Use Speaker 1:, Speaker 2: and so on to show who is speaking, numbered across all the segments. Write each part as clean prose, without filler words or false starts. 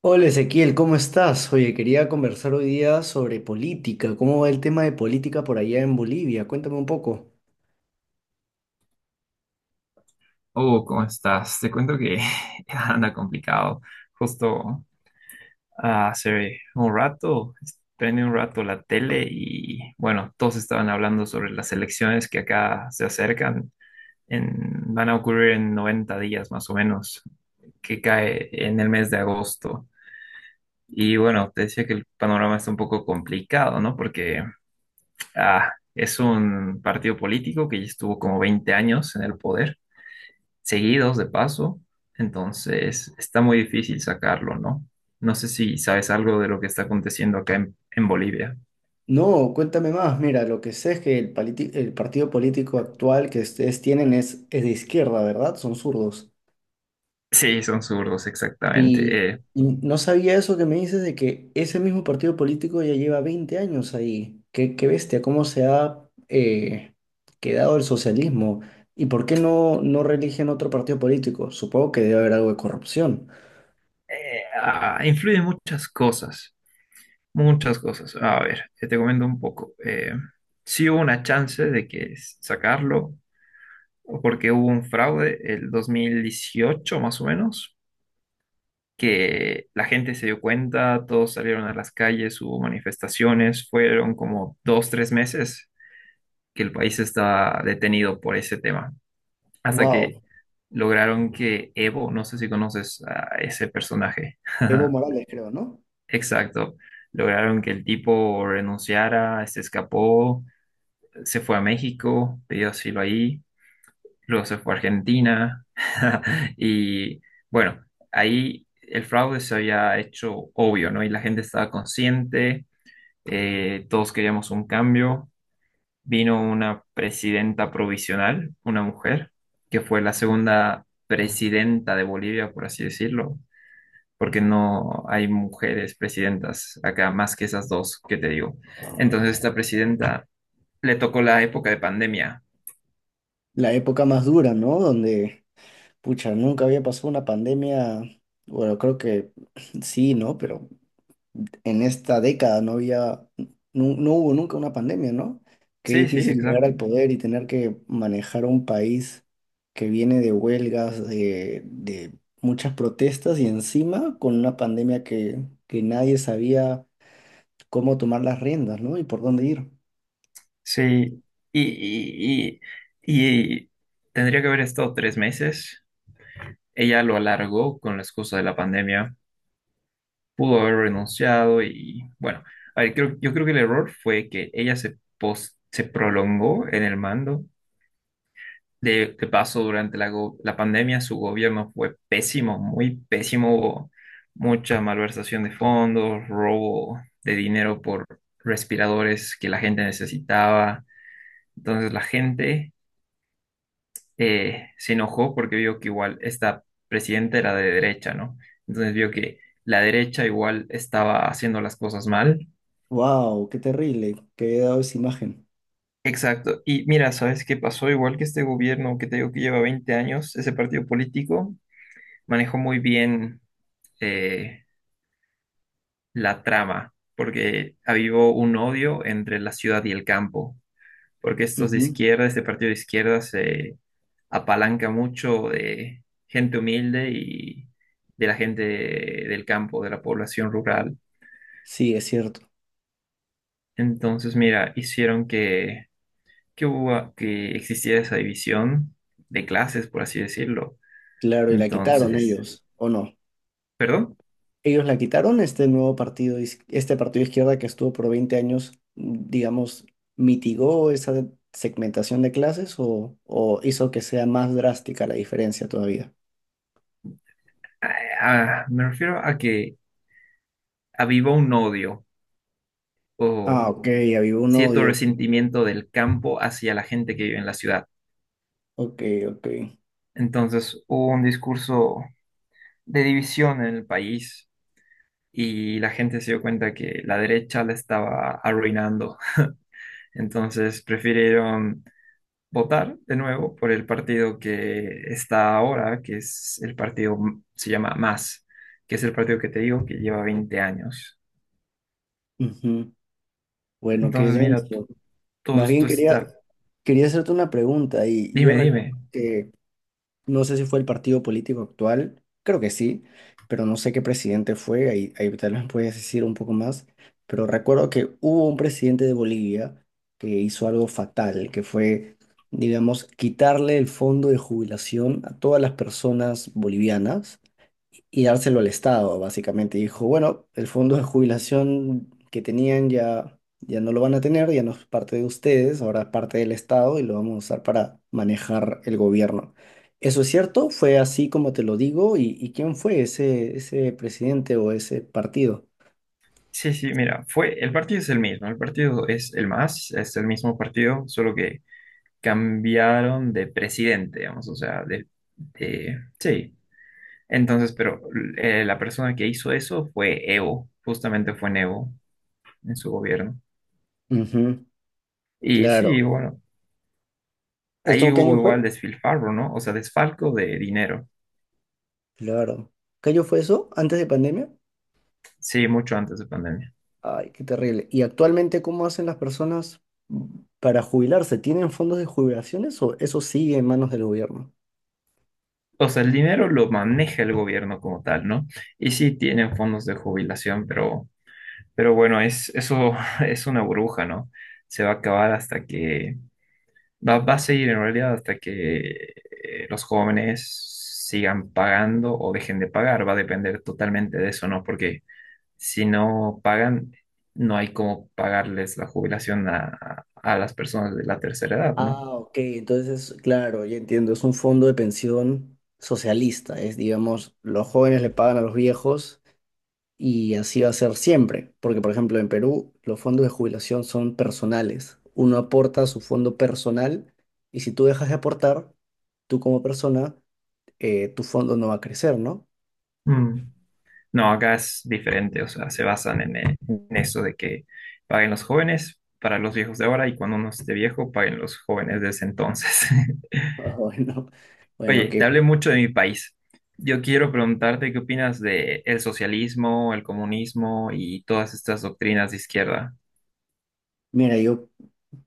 Speaker 1: Hola Ezequiel, ¿cómo estás? Oye, quería conversar hoy día sobre política. ¿Cómo va el tema de política por allá en Bolivia? Cuéntame un poco.
Speaker 2: Oh, ¿cómo estás? Te cuento que anda complicado. Justo hace un rato, prendí un rato la tele y bueno, todos estaban hablando sobre las elecciones que acá se acercan. Van a ocurrir en 90 días más o menos, que cae en el mes de agosto. Y bueno, te decía que el panorama está un poco complicado, ¿no? Porque es un partido político que ya estuvo como 20 años en el poder seguidos de paso, entonces está muy difícil sacarlo, ¿no? No sé si sabes algo de lo que está aconteciendo acá en Bolivia.
Speaker 1: No, cuéntame más. Mira, lo que sé es que el partido político actual que ustedes tienen es de izquierda, ¿verdad? Son zurdos.
Speaker 2: Sí, son zurdos, exactamente.
Speaker 1: Y, y no sabía eso que me dices de que ese mismo partido político ya lleva 20 años ahí. Qué bestia, cómo se ha quedado el socialismo. ¿Y por qué no reeligen otro partido político? Supongo que debe haber algo de corrupción.
Speaker 2: Influyen muchas cosas, muchas cosas. A ver, te comento un poco. Sí hubo una chance de que sacarlo, porque hubo un fraude el 2018, más o menos, que la gente se dio cuenta, todos salieron a las calles, hubo manifestaciones, fueron como dos, 3 meses que el país estaba detenido por ese tema, hasta
Speaker 1: Wow.
Speaker 2: que lograron que Evo, no sé si conoces a ese personaje,
Speaker 1: Evo Morales creo, ¿no?
Speaker 2: exacto, lograron que el tipo renunciara, se escapó, se fue a México, pidió asilo ahí, luego se fue a Argentina y bueno, ahí el fraude se había hecho obvio, ¿no? Y la gente estaba consciente, todos queríamos un cambio. Vino una presidenta provisional, una mujer, que fue la segunda presidenta de Bolivia, por así decirlo, porque no hay mujeres presidentas acá más que esas dos que te digo. Entonces, esta presidenta le tocó la época de pandemia.
Speaker 1: La época más dura, ¿no? Donde, pucha, nunca había pasado una pandemia, bueno, creo que sí, ¿no? Pero en esta década no hubo nunca una pandemia, ¿no? Qué
Speaker 2: Sí, sí,
Speaker 1: difícil llegar
Speaker 2: exacto.
Speaker 1: al poder y tener que manejar un país que viene de huelgas, de muchas protestas y encima con una pandemia que nadie sabía cómo tomar las riendas, ¿no? Y por dónde ir.
Speaker 2: Sí, y, y, y tendría que haber estado 3 meses. Ella lo alargó con la excusa de la pandemia. Pudo haber renunciado y bueno, a ver, yo creo que el error fue que ella se prolongó en el mando. De paso, durante la, la pandemia su gobierno fue pésimo, muy pésimo. Hubo mucha malversación de fondos, robo de dinero por respiradores que la gente necesitaba. Entonces la gente se enojó porque vio que igual esta presidenta era de derecha, ¿no? Entonces vio que la derecha igual estaba haciendo las cosas mal.
Speaker 1: Wow, qué terrible, qué había dado esa imagen.
Speaker 2: Exacto. Y mira, ¿sabes qué pasó? Igual que este gobierno que te digo que lleva 20 años, ese partido político manejó muy bien eh, la trama, porque avivó un odio entre la ciudad y el campo. Porque estos de
Speaker 1: Ujú.
Speaker 2: izquierda, este partido de izquierda se apalanca mucho de gente humilde y de la gente del campo, de la población rural.
Speaker 1: Sí, es cierto.
Speaker 2: Entonces, mira, hicieron que existiera esa división de clases, por así decirlo.
Speaker 1: Claro, y la quitaron
Speaker 2: Entonces,
Speaker 1: ellos, ¿o no?
Speaker 2: perdón,
Speaker 1: Ellos la quitaron, este nuevo partido, este partido de izquierda que estuvo por 20 años, mm, digamos, mitigó esa segmentación de clases o hizo que sea más drástica la diferencia todavía.
Speaker 2: ah, me refiero a que avivó un odio o
Speaker 1: Ah, ok, había un
Speaker 2: cierto
Speaker 1: odio.
Speaker 2: resentimiento del campo hacia la gente que vive en la ciudad.
Speaker 1: Ok, ok.
Speaker 2: Entonces, hubo un discurso de división en el país y la gente se dio cuenta que la derecha la estaba arruinando. Entonces prefirieron votar de nuevo por el partido que está ahora, que es el partido, se llama Más, que es el partido que te digo que lleva 20 años.
Speaker 1: Ujú. Bueno, qué
Speaker 2: Entonces, mira,
Speaker 1: denso.
Speaker 2: todo
Speaker 1: Más
Speaker 2: esto
Speaker 1: bien quería,
Speaker 2: está...
Speaker 1: quería hacerte una pregunta y yo
Speaker 2: Dime,
Speaker 1: recuerdo
Speaker 2: dime.
Speaker 1: que no sé si fue el partido político actual, creo que sí, pero no sé qué presidente fue, ahí tal vez puedes decir un poco más, pero recuerdo que hubo un presidente de Bolivia que hizo algo fatal, que fue, digamos, quitarle el fondo de jubilación a todas las personas bolivianas y dárselo al Estado, básicamente. Dijo, bueno, el fondo de jubilación que tenían ya no lo van a tener, ya no es parte de ustedes, ahora es parte del Estado y lo vamos a usar para manejar el gobierno. ¿Eso es cierto? ¿Fue así como te lo digo? Y quién fue ese presidente o ese partido?
Speaker 2: Sí, sí, mira, fue, el partido es el mismo, el partido es el Más, es el mismo partido, solo que cambiaron de presidente, digamos, o sea, sí. Entonces, pero la persona que hizo eso fue Evo, justamente fue Evo en su gobierno.
Speaker 1: Ujú,
Speaker 2: Y
Speaker 1: claro.
Speaker 2: sí, bueno, ahí
Speaker 1: ¿Esto qué
Speaker 2: hubo
Speaker 1: año fue?
Speaker 2: igual desfilfarro, ¿no? O sea, desfalco de dinero.
Speaker 1: Claro. ¿Qué año fue eso? ¿Antes de pandemia?
Speaker 2: Sí, mucho antes de pandemia.
Speaker 1: Ay, qué terrible. ¿Y actualmente cómo hacen las personas para jubilarse? ¿Tienen fondos de jubilaciones o eso sigue en manos del gobierno?
Speaker 2: O sea, el dinero lo maneja el gobierno como tal, ¿no? Y sí tienen fondos de jubilación, pero bueno, es, eso es una burbuja, ¿no? Se va a acabar hasta que va a seguir en realidad hasta que los jóvenes sigan pagando o dejen de pagar. Va a depender totalmente de eso, ¿no? Porque si no pagan, no hay cómo pagarles la jubilación a las personas de la tercera edad, ¿no?
Speaker 1: Ah, ok, entonces, claro, ya entiendo, es un fondo de pensión socialista, es, digamos, los jóvenes le pagan a los viejos y así va a ser siempre, porque, por ejemplo, en Perú los fondos de jubilación son personales, uno aporta a su fondo personal y si tú dejas de aportar, tú como persona, tu fondo no va a crecer, ¿no?
Speaker 2: Mm. No, acá es diferente. O sea, se basan en eso de que paguen los jóvenes para los viejos de ahora y cuando uno esté viejo, paguen los jóvenes de ese entonces.
Speaker 1: Ah, bueno, bueno,
Speaker 2: Oye, te
Speaker 1: que
Speaker 2: hablé mucho de mi país. Yo quiero preguntarte qué opinas de el socialismo, el comunismo y todas estas doctrinas de izquierda.
Speaker 1: mira, yo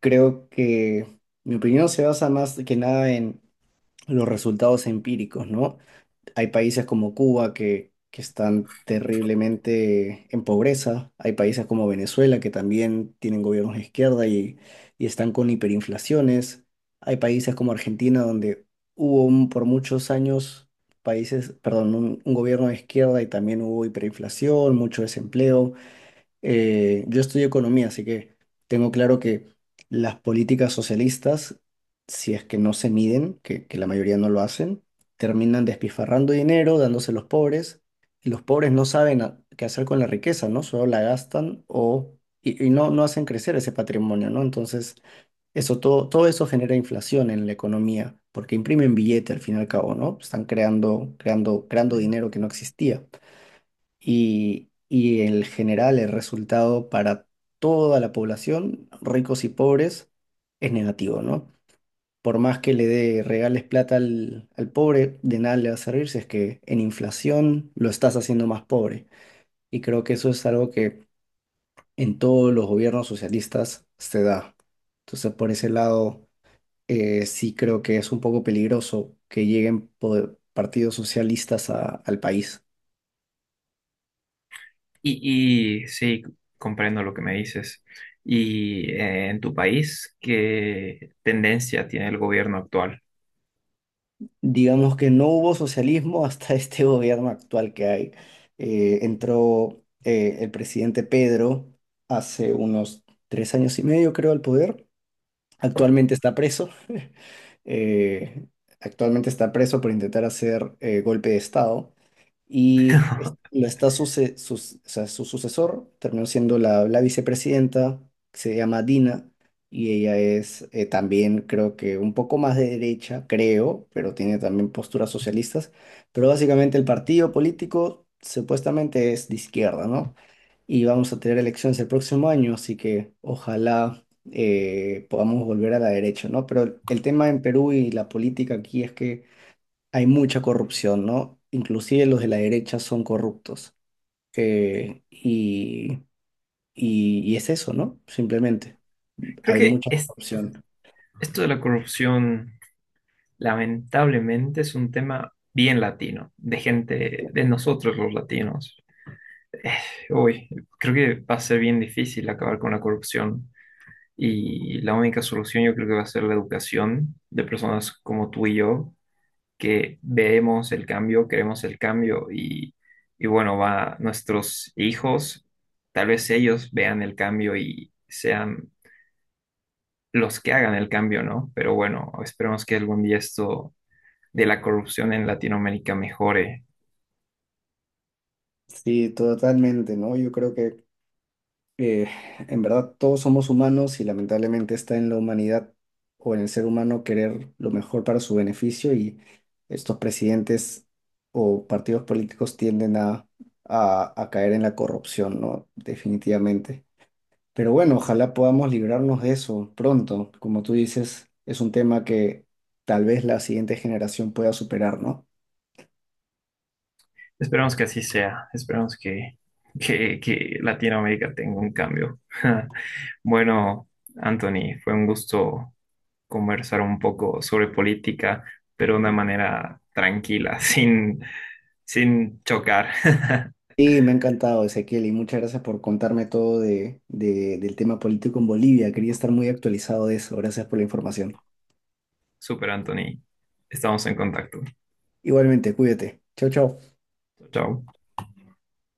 Speaker 1: creo que mi opinión se basa más que nada en los resultados empíricos, ¿no? Hay países como Cuba que están terriblemente en pobreza, hay países como Venezuela que también tienen gobiernos de izquierda y están con hiperinflaciones, hay países como Argentina donde por muchos años perdón, un gobierno de izquierda y también hubo hiperinflación, mucho desempleo. Yo estudio economía, así que tengo claro que las políticas socialistas, si es que no se miden, que la mayoría no lo hacen, terminan despifarrando dinero, dándose a los pobres, y los pobres no saben qué hacer con la riqueza, ¿no? Solo la gastan o, y, no hacen crecer ese patrimonio, ¿no? Entonces, eso, todo eso genera inflación en la economía, porque imprimen billete al fin y al cabo, ¿no? Están creando dinero que no existía y en general el resultado para toda la población, ricos y pobres, es negativo, ¿no? Por más que le regales plata al pobre, de nada le va a servir si es que en inflación lo estás haciendo más pobre. Y creo que eso es algo que en todos los gobiernos socialistas se da. Entonces, por ese lado, sí creo que es un poco peligroso que lleguen partidos socialistas al país.
Speaker 2: Y sí, comprendo lo que me dices. Y en tu país, ¿qué tendencia tiene el gobierno actual?
Speaker 1: Digamos que no hubo socialismo hasta este gobierno actual que hay. Entró el presidente Pedro hace unos 3 años y medio, creo, al poder. Actualmente está preso. Eh, actualmente está preso por intentar hacer golpe de Estado y es-
Speaker 2: Creo
Speaker 1: la está suce- sus- o sea, su sucesor terminó siendo la vicepresidenta, que se llama Dina, y ella es también creo que un poco más de derecha, creo, pero tiene también posturas socialistas, pero básicamente el partido político supuestamente es de izquierda, ¿no? Y vamos a tener elecciones el próximo año, así que ojalá podamos volver a la derecha, ¿no? Pero el tema en Perú y la política aquí es que hay mucha corrupción, ¿no? Inclusive los de la derecha son corruptos. Y, y es eso, ¿no? Simplemente, hay
Speaker 2: que
Speaker 1: mucha corrupción.
Speaker 2: esto de la corrupción, lamentablemente, es un tema bien latino, de gente, de nosotros los latinos. Eh, uy, Creo que va a ser bien difícil acabar con la corrupción. Y la única solución yo creo que va a ser la educación de personas como tú y yo, que vemos el cambio, queremos el cambio y bueno, va nuestros hijos, tal vez ellos vean el cambio y sean los que hagan el cambio, ¿no? Pero bueno, esperemos que algún día esto de la corrupción en Latinoamérica mejore.
Speaker 1: Sí, totalmente, ¿no? Yo creo que eh, en verdad todos somos humanos y lamentablemente está en la humanidad o en el ser humano querer lo mejor para su beneficio y estos presidentes o partidos políticos tienden a caer en la corrupción, ¿no? Definitivamente. Pero bueno, ojalá podamos librarnos de eso pronto. Como tú dices, es un tema que tal vez la siguiente generación pueda superar, ¿no?
Speaker 2: Esperemos que así sea, esperemos que Latinoamérica tenga un cambio. Bueno, Anthony, fue un gusto conversar un poco sobre política, pero de una manera tranquila, sin, sin chocar.
Speaker 1: Y me ha encantado, Ezequiel, y muchas gracias por contarme todo del tema político en Bolivia. Quería estar muy actualizado de eso. Gracias por la información.
Speaker 2: Super, Anthony. Estamos en contacto.
Speaker 1: Igualmente, cuídate. Chau, chau.
Speaker 2: Chao.